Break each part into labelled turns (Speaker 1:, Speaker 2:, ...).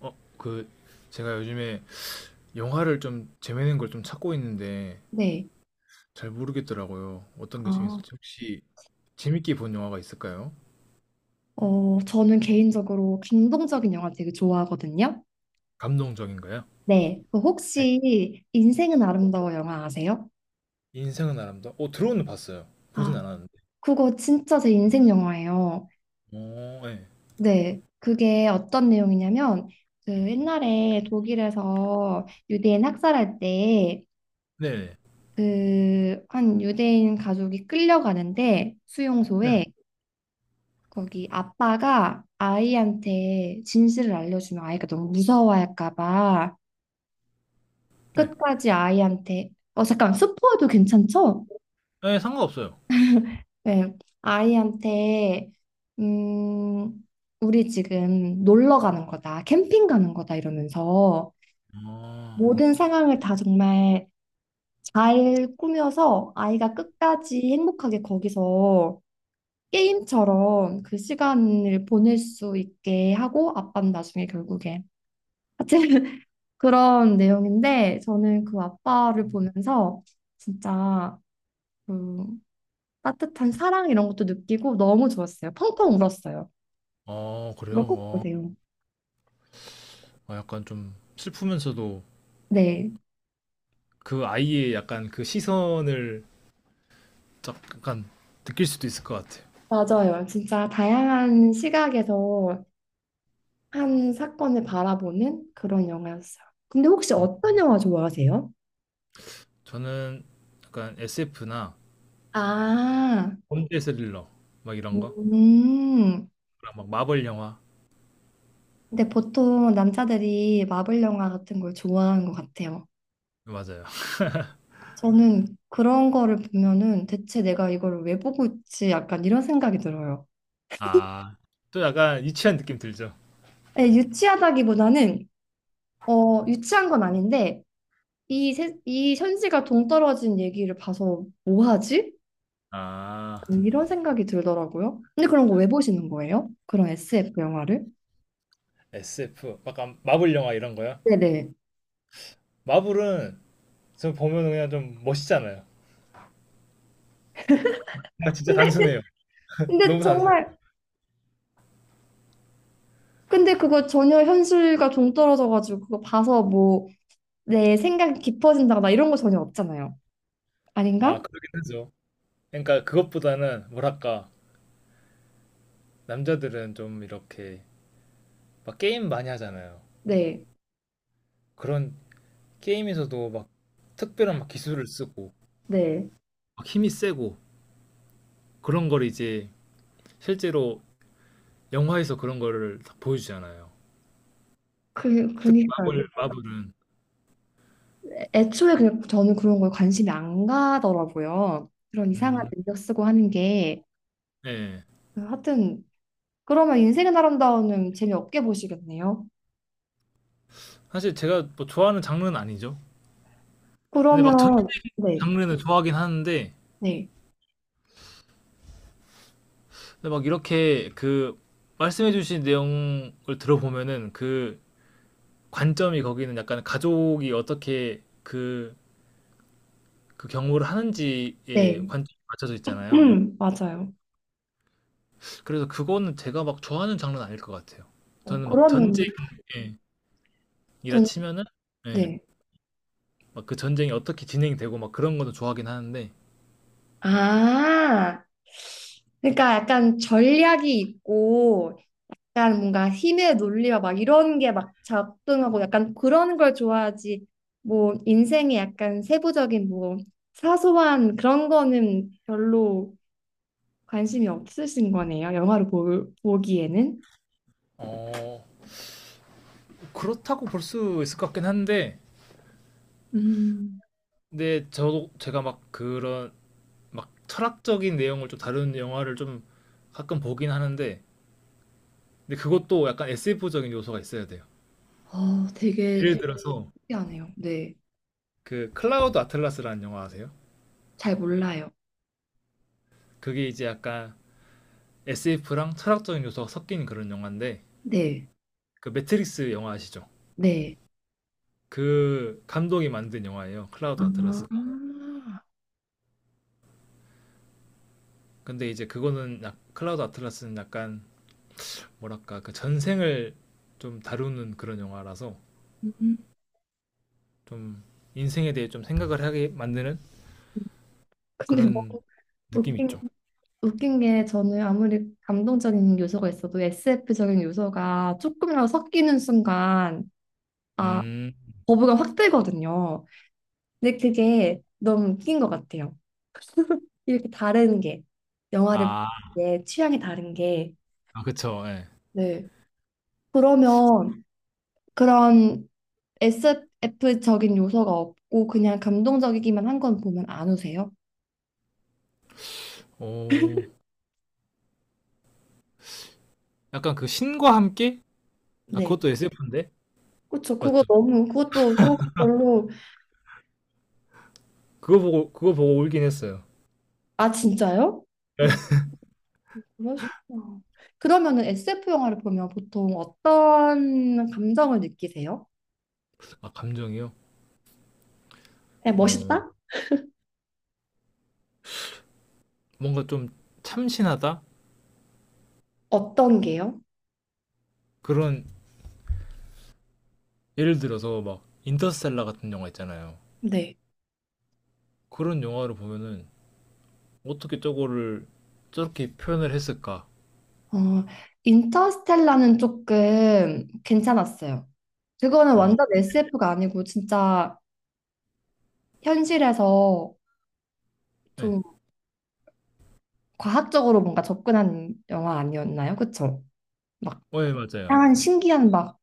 Speaker 1: 어 그 제가 요즘에 영화를 좀 재밌는 걸 좀 찾고 있는데
Speaker 2: 네.
Speaker 1: 잘 모르겠더라고요. 어떤 게
Speaker 2: 아,
Speaker 1: 재밌을지 혹시 재밌게 본 영화가 있을까요?
Speaker 2: 저는 개인적으로 감동적인 영화 되게 좋아하거든요.
Speaker 1: 감동적인가요?
Speaker 2: 네. 그
Speaker 1: 네.
Speaker 2: 혹시 인생은 아름다워 영화 아세요?
Speaker 1: 드론은 봤어요. 보진
Speaker 2: 아,
Speaker 1: 않았는데.
Speaker 2: 그거 진짜 제 인생 영화예요.
Speaker 1: 어, 네.
Speaker 2: 네. 그게 어떤 내용이냐면, 그 옛날에 독일에서 유대인 학살할 때,
Speaker 1: 네네.
Speaker 2: 그, 한 유대인 가족이 끌려가는데,
Speaker 1: 네네.
Speaker 2: 수용소에, 거기 아빠가 아이한테 진실을 알려주면 아이가 너무 무서워할까 봐,
Speaker 1: 네.
Speaker 2: 끝까지 아이한테 잠깐 스포해도 괜찮죠?
Speaker 1: 네, 상관없어요.
Speaker 2: 네. 아이한테 음 우리 지금 놀러 가는 거다 캠핑 가는 거다 이러면서
Speaker 1: 아,
Speaker 2: 모든 상황을 다 정말 잘 꾸며서 아이가 끝까지 행복하게 거기서 게임처럼 그 시간을 보낼 수 있게 하고 아빠는 나중에 결국에 하여튼 그런 내용인데 저는 그 아빠를 보면서 진짜 그 따뜻한 사랑 이런 것도 느끼고 너무 좋았어요. 펑펑 울었어요.
Speaker 1: 아,
Speaker 2: 그거
Speaker 1: 그래요?
Speaker 2: 꼭
Speaker 1: 어,
Speaker 2: 보세요.
Speaker 1: 아, 약간 좀 슬프면서도
Speaker 2: 네,
Speaker 1: 그 아이의 약간 그 시선을 약간 느낄 수도 있을 것 같아요.
Speaker 2: 맞아요. 진짜 다양한 시각에서 한 사건을 바라보는 그런 영화였어요. 근데 혹시
Speaker 1: 음.
Speaker 2: 어떤 영화 좋아하세요?
Speaker 1: 저는 약간 SF나
Speaker 2: 아,
Speaker 1: 범죄 스릴러 막 이런 거.
Speaker 2: 음.
Speaker 1: 그런 막 마블 영화.
Speaker 2: 근데 보통 남자들이 마블 영화 같은 걸 좋아하는 것 같아요.
Speaker 1: 맞아요.
Speaker 2: 저는 그런 거를 보면은 대체 내가 이걸 왜 보고 있지? 약간 이런 생각이 들어요.
Speaker 1: 아. 또 약간 유치한 느낌 들죠.
Speaker 2: 예, 유치하다기보다는, 유치한 건 아닌데, 이 현지가 동떨어진 얘기를 봐서 뭐 하지?
Speaker 1: 아.
Speaker 2: 이런 생각이 들더라고요. 근데 그런 거 왜 보시는 거예요? 그런 SF 영화를?
Speaker 1: SF 약간 마블 영화 이런 거요?
Speaker 2: 네네.
Speaker 1: 마블은 저 보면 그냥 좀 멋있잖아요. 뭔가 진짜
Speaker 2: 근데,
Speaker 1: 단순해요.
Speaker 2: 근데
Speaker 1: 너무 단순.
Speaker 2: 정말, 근데 그거 전혀 현실과 동떨어져가지고 그거 봐서 뭐 내 생각이 깊어진다거나 이런 거 전혀 없잖아요.
Speaker 1: 아,
Speaker 2: 아닌가?
Speaker 1: 그러긴 하죠. 그러니까 그것보다는 뭐랄까 남자들은 좀 이렇게 막 게임 많이 하잖아요.
Speaker 2: 네,
Speaker 1: 그런 게임에서도 막 특별한 막 기술을 쓰고
Speaker 2: 네.
Speaker 1: 막 힘이 세고 그런 걸 이제 실제로 영화에서 그런 거를 다 보여주잖아요.
Speaker 2: 그,
Speaker 1: 특히
Speaker 2: 그니까요.
Speaker 1: 마블은
Speaker 2: 애초에 그냥 저는 그런 거에 관심이 안 가더라고요. 그런 이상한
Speaker 1: 음,
Speaker 2: 능력 쓰고 하는 게.
Speaker 1: 네.
Speaker 2: 하여튼 그러면 인생은 아름다워는 재미없게 보시겠네요.
Speaker 1: 사실 제가 뭐 좋아하는 장르는 아니죠. 근데
Speaker 2: 그러면
Speaker 1: 막 전쟁
Speaker 2: 네,
Speaker 1: 장르는 좋아하긴 하는데
Speaker 2: 네,
Speaker 1: 근데 막 이렇게 그 말씀해주신 내용을 들어보면은 그 관점이 거기는 약간 가족이 어떻게 그 경우를 하는지에
Speaker 2: 네,
Speaker 1: 관점이 맞춰져 있잖아요.
Speaker 2: 맞아요.
Speaker 1: 그래서 그거는 제가 막 좋아하는 장르는 아닐 것 같아요. 저는 막
Speaker 2: 그러면
Speaker 1: 전쟁이라
Speaker 2: 저는
Speaker 1: 치면은 예,
Speaker 2: 네.
Speaker 1: 막그 전쟁이 어떻게 진행되고 막 그런 것도 좋아하긴 하는데
Speaker 2: 아, 그러니까 약간 전략이 있고, 약간 뭔가 힘의 논리와 막 이런 게 막 작동하고 약간 그런 걸 좋아하지. 뭐 인생의 약간 세부적인 뭐 사소한 그런 거는 별로 관심이 없으신 거네요. 영화를 볼, 보기에는.
Speaker 1: 어, 그렇다고 볼 수 있을 것 같긴 한데
Speaker 2: 음,
Speaker 1: 근데 저도 제가 막 그런 막 철학적인 내용을 좀 다루는 영화를 좀 가끔 보긴 하는데 근데 그것도 약간 SF적인 요소가 있어야 돼요.
Speaker 2: 되게
Speaker 1: 예를 들어서
Speaker 2: 특이하네요. 네.
Speaker 1: 그 클라우드 아틀라스라는 영화 아세요?
Speaker 2: 잘 몰라요.
Speaker 1: 그게 이제 약간 SF랑 철학적인 요소가 섞인 그런 영화인데
Speaker 2: 네.
Speaker 1: 그 매트릭스 영화 아시죠?
Speaker 2: 네.
Speaker 1: 그 감독이 만든 영화예요. 클라우드
Speaker 2: 아,
Speaker 1: 아틀라스가. 근데 이제 그거는 약 클라우드 아틀라스는 약간 뭐랄까 그 전생을 좀 다루는 그런 영화라서
Speaker 2: 음.
Speaker 1: 좀 인생에 대해 좀 생각을 하게 만드는
Speaker 2: 근데 너무
Speaker 1: 그런 느낌이
Speaker 2: 웃긴,
Speaker 1: 있죠.
Speaker 2: 웃긴 게 저는 아무리 감동적인 요소가 있어도 SF적인 요소가 조금이라도 섞이는 순간 아,
Speaker 1: 음.
Speaker 2: 거부감 확 들거든요. 근데 그게 너무 웃긴 것 같아요. 이렇게 다른 게 영화를
Speaker 1: 아,
Speaker 2: 보는 게 취향이 다른 게
Speaker 1: 아 그쵸. 예.
Speaker 2: 네. 그러면 그런 SF적인 요소가 없고 그냥 감동적이기만 한 건 보면 안 우세요?
Speaker 1: 오. 약간 그 신과 함께? 아,
Speaker 2: 네.
Speaker 1: 그것도 SF인데?
Speaker 2: 그쵸. 그거
Speaker 1: 맞죠?
Speaker 2: 너무, 그것도 별로,
Speaker 1: 그거 보고 울긴 했어요.
Speaker 2: 아, 진짜요? 음, 그러시구나. 그러면은 SF 영화를 보면 보통 어떤 감정을 느끼세요?
Speaker 1: 아, 감정이요?
Speaker 2: 그냥
Speaker 1: 어.
Speaker 2: 멋있다?
Speaker 1: 뭔가 좀 참신하다?
Speaker 2: 어떤 게요?
Speaker 1: 그런 예를 들어서 막 인터스텔라 같은 영화 있잖아요.
Speaker 2: 네.
Speaker 1: 그런 영화를 보면은 어떻게 저거를 저렇게 표현을 했을까?
Speaker 2: 어, 인터스텔라는 조금 괜찮았어요. 그거는
Speaker 1: 어.
Speaker 2: 완전 SF가 아니고 진짜 현실에서
Speaker 1: 네
Speaker 2: 좀 과학적으로 뭔가 접근한 영화 아니었나요? 그쵸? 막
Speaker 1: 어, 예, 맞아요.
Speaker 2: 다양한 신기한 막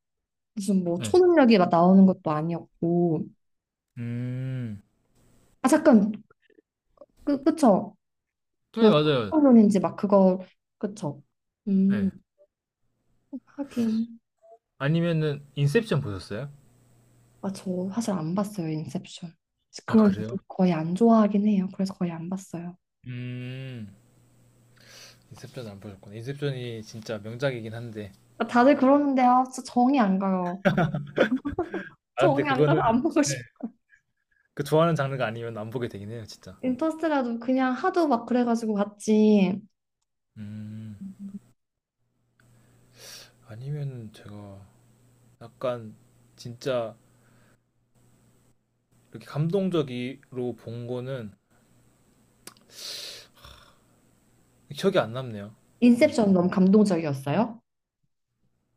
Speaker 2: 무슨 뭐
Speaker 1: 예.
Speaker 2: 초능력이 막 나오는 것도 아니었고
Speaker 1: 음.
Speaker 2: 아 잠깐 그쵸
Speaker 1: 네,
Speaker 2: 그
Speaker 1: 맞아요.
Speaker 2: 상상론인지 막 그거 그쵸 음
Speaker 1: 네
Speaker 2: 하긴
Speaker 1: 아니면은 인셉션 보셨어요?
Speaker 2: 아 저 사실 안 봤어요 인셉션
Speaker 1: 아,
Speaker 2: 그걸
Speaker 1: 그래요?
Speaker 2: 거의 안 좋아하긴 해요 그래서 거의 안 봤어요
Speaker 1: 음, 인셉션 안 보셨구나. 인셉션이 진짜 명작이긴 한데.
Speaker 2: 아, 다들 그러는데 진짜 정이 안 가요
Speaker 1: 아, 근데
Speaker 2: 정이 안
Speaker 1: 그거는,
Speaker 2: 가서 안 보고
Speaker 1: 네,
Speaker 2: 싶어
Speaker 1: 그 좋아하는 장르가 아니면 안 보게 되긴 해요, 진짜.
Speaker 2: 인터스텔라도 그냥 하도 막 그래가지고 봤지
Speaker 1: 음, 아니면 제가 약간 진짜 이렇게 감동적으로 본 거는 기억이 안 남네요.
Speaker 2: 인셉션
Speaker 1: 뭔가.
Speaker 2: 너무 감동적이었어요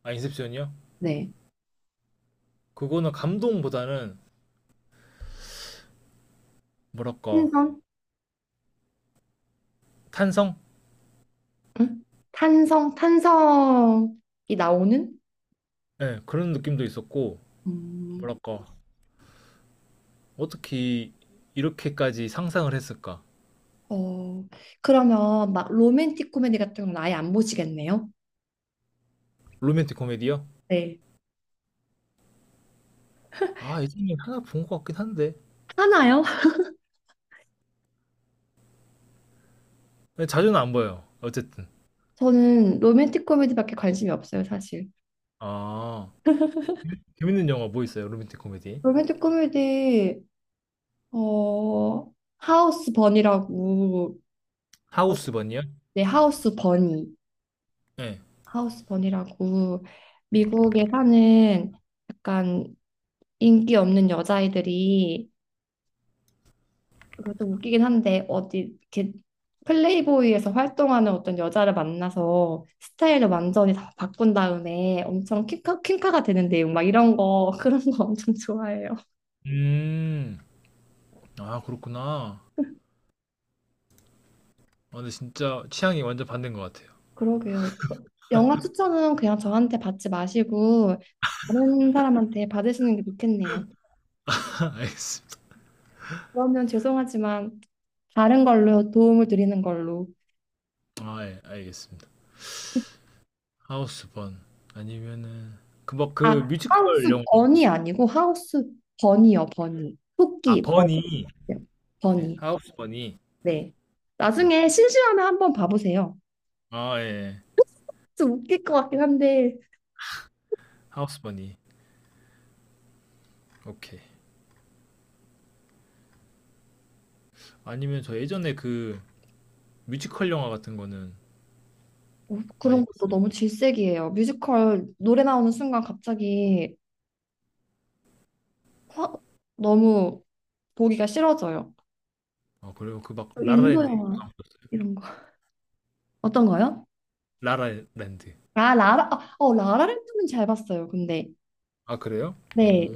Speaker 1: 아, 인셉션이요?
Speaker 2: 네
Speaker 1: 그거는 감동보다는 뭐랄까,
Speaker 2: 탄성
Speaker 1: 탄성?
Speaker 2: 응? 탄성이 나오는
Speaker 1: 네, 그런 느낌도 있었고,
Speaker 2: 음.
Speaker 1: 뭐랄까, 어떻게 이렇게까지 상상을 했을까?
Speaker 2: 어, 그러면 막 로맨틱 코미디 같은 건 아예 안 보시겠네요?
Speaker 1: 로맨틱 코미디요?
Speaker 2: 네.
Speaker 1: 아, 예전에 하나 본 것 같긴 한데.
Speaker 2: 하나요?
Speaker 1: 근데 자주는 안 봐요. 어쨌든.
Speaker 2: 저는 로맨틱 코미디밖에 관심이 없어요, 사실.
Speaker 1: 아, 재밌는 영화 뭐 있어요? 로맨틱 코미디.
Speaker 2: 로맨틱 코미디, 어, 하우스 버니라고,
Speaker 1: 하우스번이요?
Speaker 2: 네, 하우스 버니.
Speaker 1: 네.
Speaker 2: 하우스 버니라고, 미국에 사는 약간 인기 없는 여자아이들이 그거 좀 웃기긴 한데 어디 이렇게 플레이보이에서 활동하는 어떤 여자를 만나서 스타일을 완전히 다 바꾼 다음에 엄청 퀸카, 퀸카가 되는 내용 막 이런 거 그런 거 엄청 좋아해요.
Speaker 1: 음, 아, 그렇구나. 아, 근데 진짜 취향이 완전 반대인 것 같아요.
Speaker 2: 그러게요. 영화 추천은 그냥 저한테 받지 마시고 다른 사람한테 받으시는 게 좋겠네요.
Speaker 1: 알겠습니다.
Speaker 2: 그러면 죄송하지만 다른 걸로 도움을 드리는 걸로.
Speaker 1: 아, 예, 알겠습니다. 하우스번. 아니면은, 그, 뭐,
Speaker 2: 아,
Speaker 1: 그
Speaker 2: 하우스
Speaker 1: 뮤지컬 영화.
Speaker 2: 버니 아니고 하우스 버니요, 버니.
Speaker 1: 아,
Speaker 2: 토끼 버니요,
Speaker 1: 버니. 네,
Speaker 2: 버니.
Speaker 1: 하우스번이.
Speaker 2: 네.
Speaker 1: 음.
Speaker 2: 나중에 심심하면 한번 봐보세요.
Speaker 1: 아, 예.
Speaker 2: 좀 웃길 것 같긴 한데
Speaker 1: 하우스번이. 오케이. 아니면 저 예전에 그 뮤지컬 영화 같은 거는 많이
Speaker 2: 그런 것도
Speaker 1: 봤어요.
Speaker 2: 너무 질색이에요. 뮤지컬 노래 나오는 순간 갑자기 화, 너무 보기가 싫어져요.
Speaker 1: 아, 그래요? 그 막
Speaker 2: 인도
Speaker 1: 라라랜드 이거
Speaker 2: 영화
Speaker 1: 안 보셨어요?
Speaker 2: 이런 거 어떤 거요?
Speaker 1: 라라랜드.
Speaker 2: 아 라라 아, 어 라라랜드는 잘 봤어요. 근데
Speaker 1: 아, 그래요?
Speaker 2: 네
Speaker 1: 오.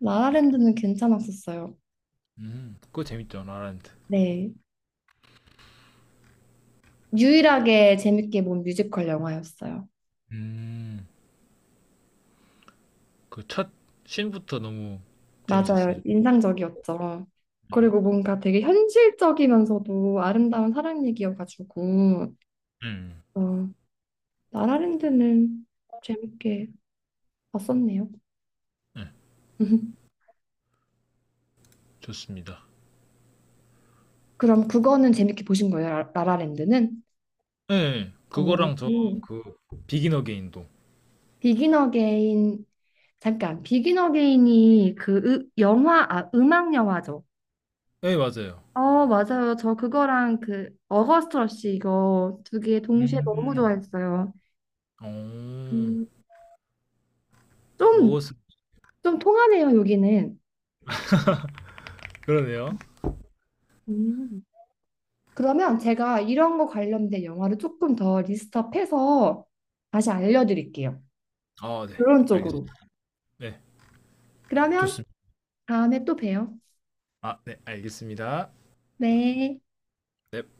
Speaker 2: 라라랜드는 괜찮았었어요.
Speaker 1: 그거 재밌죠, 라라랜드.
Speaker 2: 네 유일하게 재밌게 본 뮤지컬 영화였어요.
Speaker 1: 음, 그 첫 씬부터 너무
Speaker 2: 맞아요.
Speaker 1: 재밌었어요.
Speaker 2: 인상적이었죠. 그리고 뭔가 되게 현실적이면서도 아름다운 사랑 얘기여가지고,
Speaker 1: 음,
Speaker 2: 어, 라라랜드는 재밌게 봤었네요.
Speaker 1: 네, 좋습니다.
Speaker 2: 그럼 그거는 재밌게 보신 거예요, 라- 라라랜드는?
Speaker 1: 예, 예,
Speaker 2: 어,
Speaker 1: 그거랑 저
Speaker 2: 오.
Speaker 1: 그 비긴 어게인도.
Speaker 2: 비긴 어게인, 잠깐, 비긴 어게인이 아, 음악 영화죠.
Speaker 1: 예, 맞아요.
Speaker 2: 어, 맞아요. 저 그거랑 그 어거스트 러쉬 이거 두 개 동시에 너무
Speaker 1: 음,
Speaker 2: 좋아했어요. 음,
Speaker 1: 오,
Speaker 2: 좀,
Speaker 1: 오스.
Speaker 2: 좀 통하네요, 여기는.
Speaker 1: 그러네요.
Speaker 2: 음. 그러면 제가 이런 거 관련된 영화를 조금 더 리스트업해서 다시 알려드릴게요.
Speaker 1: 아, 네,
Speaker 2: 이런
Speaker 1: 알겠습니다.
Speaker 2: 쪽으로.
Speaker 1: 네,
Speaker 2: 그러면
Speaker 1: 좋습니다.
Speaker 2: 다음에 또 봬요.
Speaker 1: 아, 네, 알겠습니다.
Speaker 2: 네.
Speaker 1: 네.